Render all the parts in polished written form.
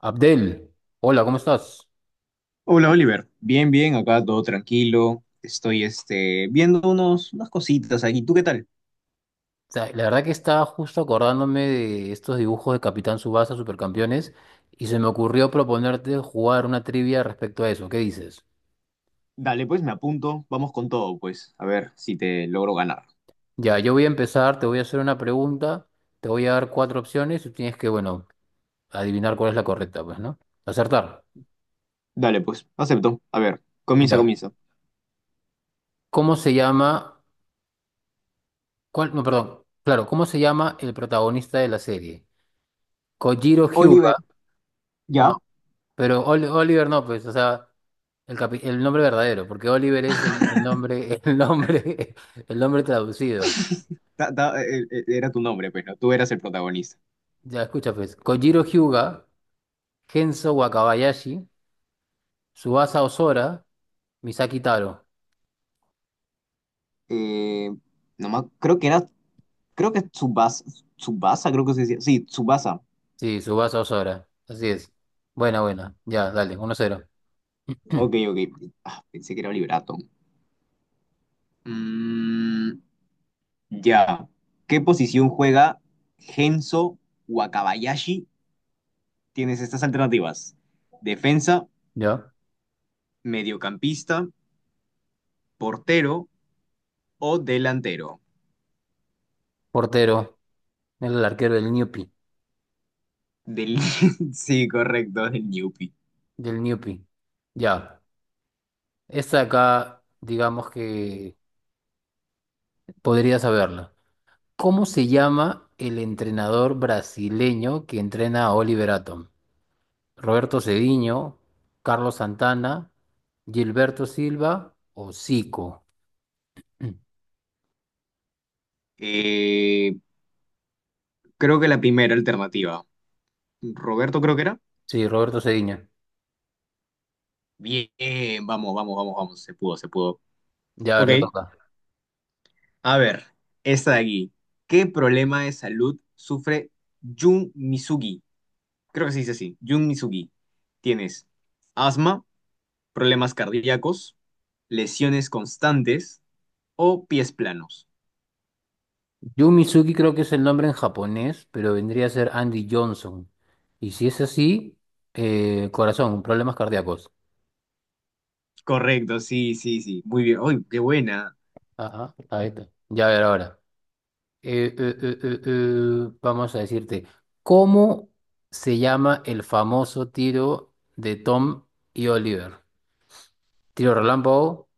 Abdel, hola, ¿cómo estás? Hola Oliver, bien, bien, acá todo tranquilo. Estoy viendo unas cositas aquí. ¿Tú qué tal? O sea, la verdad que estaba justo acordándome de estos dibujos de Capitán Subasa Supercampeones, y se me ocurrió proponerte jugar una trivia respecto a eso. ¿Qué dices? Dale, pues me apunto. Vamos con todo, pues. A ver si te logro ganar. Ya, yo voy a empezar, te voy a hacer una pregunta, te voy a dar cuatro opciones y tú tienes que, bueno, adivinar cuál es la correcta, pues, ¿no? Acertar. Dale, pues, acepto. A ver, comienza, Ya. comienza. ¿Cómo se llama? ¿Cuál? No, perdón. Claro, ¿cómo se llama el protagonista de la serie? Kojiro Oliver, Hyuga. ya. Pero Oliver no, pues, o sea, el nombre verdadero, porque Oliver es el nombre, el nombre, traducido. Era tu nombre, pero tú eras el protagonista. Ya, escucha, pues, Kojiro Hyuga, Genso Wakabayashi, Tsubasa Ozora, Misaki Taro. Eh, no creo que era, creo que Tsubasa, Tsubasa, creo que se decía. Sí, Tsubasa. Sí, Tsubasa Ozora, así es. Buena, buena, ya, dale, 1-0. Ok. Ah, pensé que era Oliver Atom. Ya. ¿Qué posición juega Genso Wakabayashi? Tienes estas alternativas. Defensa, Ya, mediocampista, portero o delantero. portero, el arquero del Newpi, Del... Sí, correcto, del Newpi. del Newpi. Ya, esta acá, digamos que podría saberla. ¿Cómo se llama el entrenador brasileño que entrena a Oliver Atom? ¿Roberto Cediño, Carlos Santana, Gilberto Silva o Zico? Mm. Eh, Creo que la primera alternativa. Roberto creo que era. Sí, Roberto Cediño. Bien, vamos. Se pudo. Ya, a ver, Ok. te toca. A ver, esta de aquí. ¿Qué problema de salud sufre Jun Misugi? Creo que se dice así, Jun Mizugi. Tienes asma, problemas cardíacos, lesiones constantes o pies planos. Yumizuki creo que es el nombre en japonés, pero vendría a ser Andy Johnson. Y si es así, corazón, problemas cardíacos. Correcto, sí, sí, sí. Muy bien. ¡Uy, qué buena! Ajá, ahí está. Ya, a ver ahora. Vamos a decirte, ¿cómo se llama el famoso tiro de Tom y Oliver? Tiro relámpago,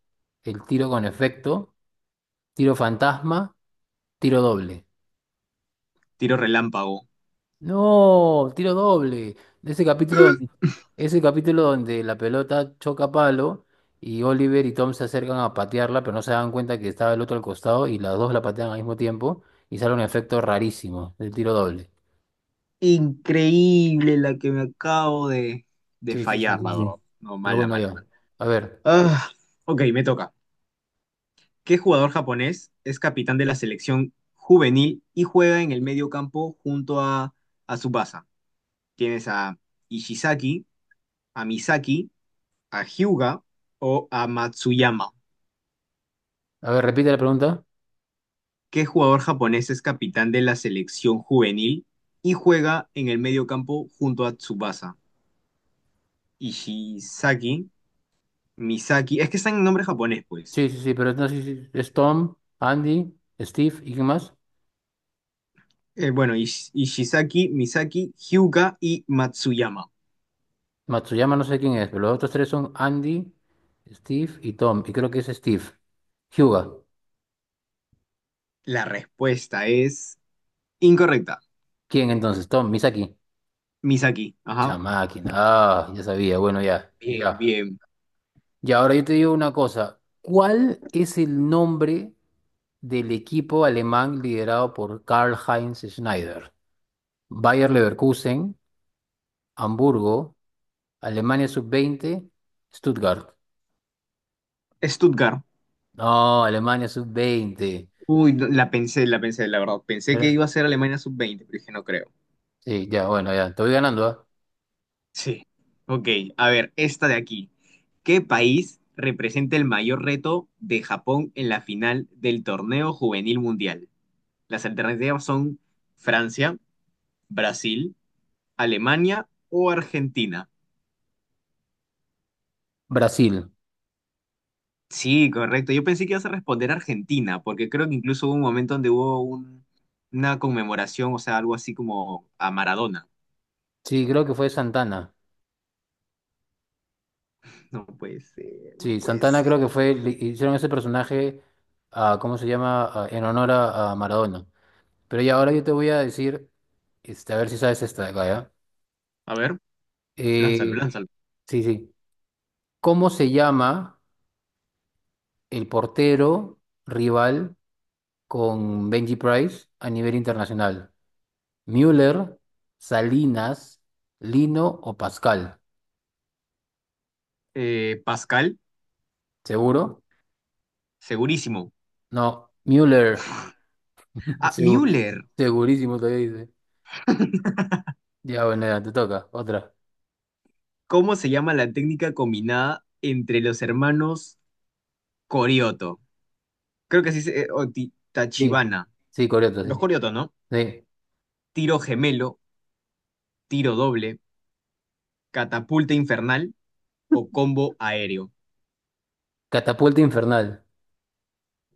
el tiro con efecto, tiro fantasma, tiro doble. Tiro relámpago. No, tiro doble. Ese capítulo donde, ese capítulo donde la pelota choca palo y Oliver y Tom se acercan a patearla, pero no se dan cuenta que estaba el otro al costado y las dos la patean al mismo tiempo y sale un efecto rarísimo, el tiro doble. Increíble la que me acabo de Sí, sí, sí, fallar, sí, la verdad. sí. No, Pero mala, bueno, mala, ya. mala. A ver, Ah, ok, me toca. ¿Qué jugador japonés es capitán de la selección juvenil y juega en el medio campo junto a Tsubasa? ¿Tienes a Ishizaki, a Misaki, a Hyuga o a Matsuyama? a ver, repite la pregunta. ¿Qué jugador japonés es capitán de la selección juvenil y juega en el medio campo junto a Tsubasa? Ishizaki, Misaki, es que están en nombre japonés, pues. Sí, sí, sí, pero no, sí, sí. Es Tom, Andy, Steve y quién más. Bueno, Ishizaki, Misaki, Hyuga y Matsuyama. Matsuyama no sé quién es, pero los otros tres son Andy, Steve y Tom. Y creo que es Steve. Hyuga. La respuesta es incorrecta. ¿Quién entonces? Tom, Misaki. Misaki, ajá. Chamaki. Ah, ya sabía. Bueno, ya. Bien, Ya. bien. Y ahora yo te digo una cosa. ¿Cuál es el nombre del equipo alemán liderado por Karl-Heinz Schneider? Bayer Leverkusen, Hamburgo. Alemania sub-20, Stuttgart. Stuttgart. No, Alemania sub-20. Uy, no, la pensé, la verdad. Pensé que Era- iba a ser Alemania sub-20, pero dije, no creo. sí, ya, bueno, ya, te voy ganando, ¿ah? Sí. Ok, a ver, esta de aquí. ¿Qué país representa el mayor reto de Japón en la final del torneo juvenil mundial? Las alternativas son Francia, Brasil, Alemania o Argentina. Brasil. Sí, correcto. Yo pensé que ibas a responder Argentina, porque creo que incluso hubo un momento donde una conmemoración, o sea, algo así como a Maradona. Sí, creo que fue Santana. No puede ser, no Sí, puede Santana ser. creo que fue, le hicieron ese personaje, a, ¿cómo se llama? A- en honor a Maradona. Pero ya, ahora yo te voy a decir, este, a ver si sabes esta de acá, ¿ya? A ver, lánzalo, Eh, lánzalo. sí, sí. ¿Cómo se llama el portero rival con Benji Price a nivel internacional? Müller, Salinas, Lino o Pascal. Pascal, ¿Seguro? segurísimo. No, Müller. Ah, Segu- Müller. segurísimo todavía dice. Ya, bueno, ya, te toca. Otra. ¿Cómo se llama la técnica combinada entre los hermanos Corioto? Creo que así se- o Ti- Sí. Tachibana. Sí, correcto, sí. Los Corioto, ¿no? Sí. Tiro gemelo, tiro doble, catapulta infernal o combo aéreo. Catapulta infernal.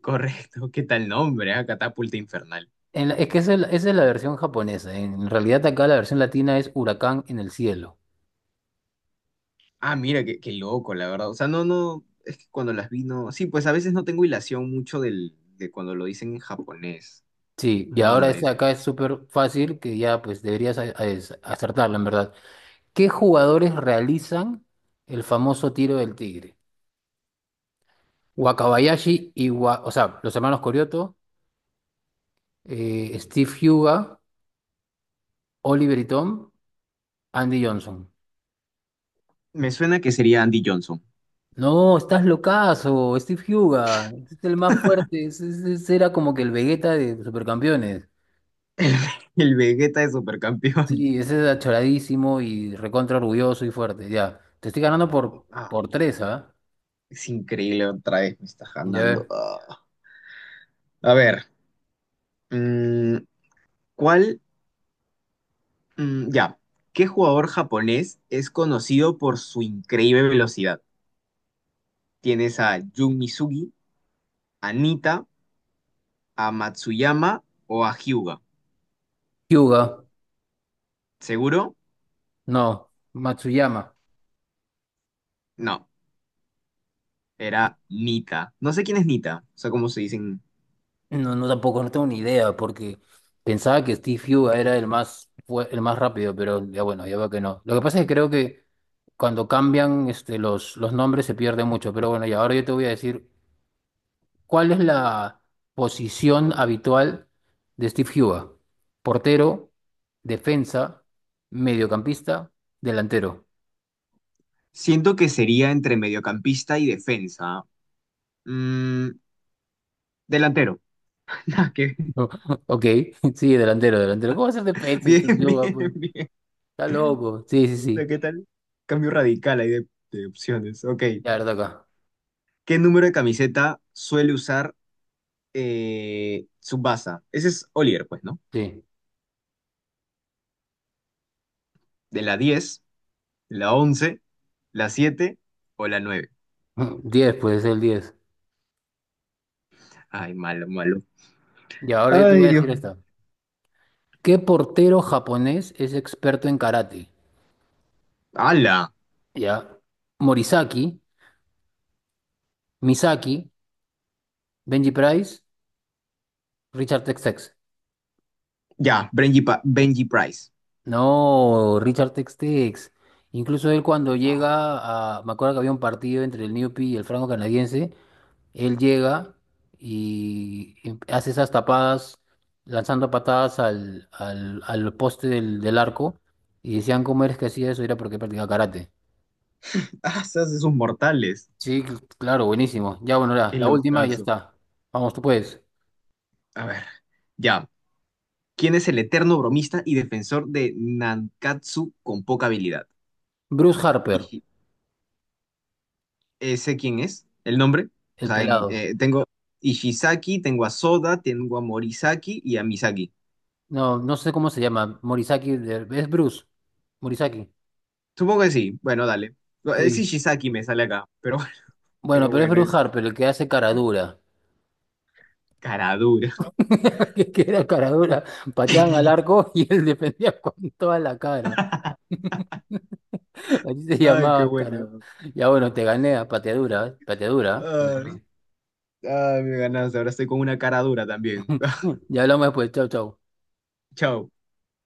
Correcto, ¿qué tal nombre? ¿Ah? Catapulta infernal. Es que esa es la versión japonesa. En realidad acá la versión latina es huracán en el cielo. Ah, mira, qué, qué loco, la verdad. O sea, no, no, es que cuando las vi, no. Sí, pues a veces no tengo hilación mucho de cuando lo dicen en japonés, Sí, y ahora esta de nombres. acá es súper fácil que ya pues deberías acertarla, en verdad. ¿Qué jugadores realizan el famoso tiro del tigre? Wakabayashi y o sea, los hermanos Corioto, Steve Huga, Oliver y Tom, Andy Johnson. Me suena que sería Andy Johnson, No, estás locazo, Steve Huga, es el más fuerte, ese era como que el Vegeta de Supercampeones. el, el Vegeta de Supercampeón. Sí, ese era choradísimo y recontra orgulloso y fuerte, ya. Te estoy ganando por, Ah, por tres, ¿ah? es increíble, otra vez me estás Ya ganando. ver. Ah. A ver, mm, ¿cuál? Mm, ya, ¿qué jugador japonés es conocido por su increíble velocidad? Tienes a Jun Misugi, a Nita, a Matsuyama o a Hyuga. Hyuga, ¿Seguro? no, Matsuyama. No, era Nita. No sé quién es Nita, o sea, cómo se dicen. No, no tampoco, no tengo ni idea, porque pensaba que Steve Yu era el más, fue el más rápido, pero ya bueno, ya veo que no. Lo que pasa es que creo que cuando cambian este, los nombres se pierde mucho, pero bueno, y ahora yo te voy a decir, ¿cuál es la posición habitual de Steve Yu? Portero, defensa, mediocampista, delantero. Siento que sería entre mediocampista y defensa. Mm, delantero. Ah, qué- Ok, sí, delantero, delantero. ¿Cómo va a ser defensa bien, Steve Yu? bien, ¿Pues? bien. Está loco. Sí, sí, Sea, sí. ¿qué tal? Cambio radical ahí de opciones. Ok. Ya, verdad acá. ¿Qué número de camiseta suele usar Tsubasa? Ese es Olier, pues, ¿no? Sí. De la 10, la 11, la 7 o la 9. 10, pues el 10. Ay, malo, malo. Y ahora yo te voy Ay, a decir Dios. esta. ¿Qué portero japonés es experto en karate? ¡Hala! Ya. Morisaki, Misaki, Benji Price, Richard Tex-Tex. Ya, Benji Price. No, Richard Tex-Tex. Incluso él cuando Ah, llega a... Me acuerdo que había un partido entre el Newpi y el franco canadiense. Él llega y hace esas tapadas, lanzando patadas al poste del arco. Y decían, ¿cómo eres que hacía eso? Era porque practicaba karate. ah, se hace sus mortales. Sí, claro, buenísimo. Ya, bueno, la, Qué la última y ya locazo. está. Vamos, tú puedes. A ver, ya. ¿Quién es el eterno bromista y defensor de Nankatsu con poca habilidad? Bruce Harper, Sé quién es, el nombre. O el sea, pelado. Tengo Ishizaki, tengo a Soda, tengo a Morisaki y a Misaki. No, no sé cómo se llama. Morisaki, es Bruce. Morisaki. Supongo que sí. Bueno, dale. No, es Sí. Ishizaki, me sale acá. Pero, Bueno, pero pero es bueno, es Bruce Harper, el que hace cara dura. cara dura. Que era cara dura. Pateaban al arco y él defendía con toda la cara. Así se Ay, qué llamaba cara. bueno. Ya, bueno, te gané a pateadura, ¿eh? Pateadura. ¿Eh? Te Ay, gané. ay, me ganaste. Ahora estoy con una cara dura también. Ya hablamos después. Chau, chau. Chao.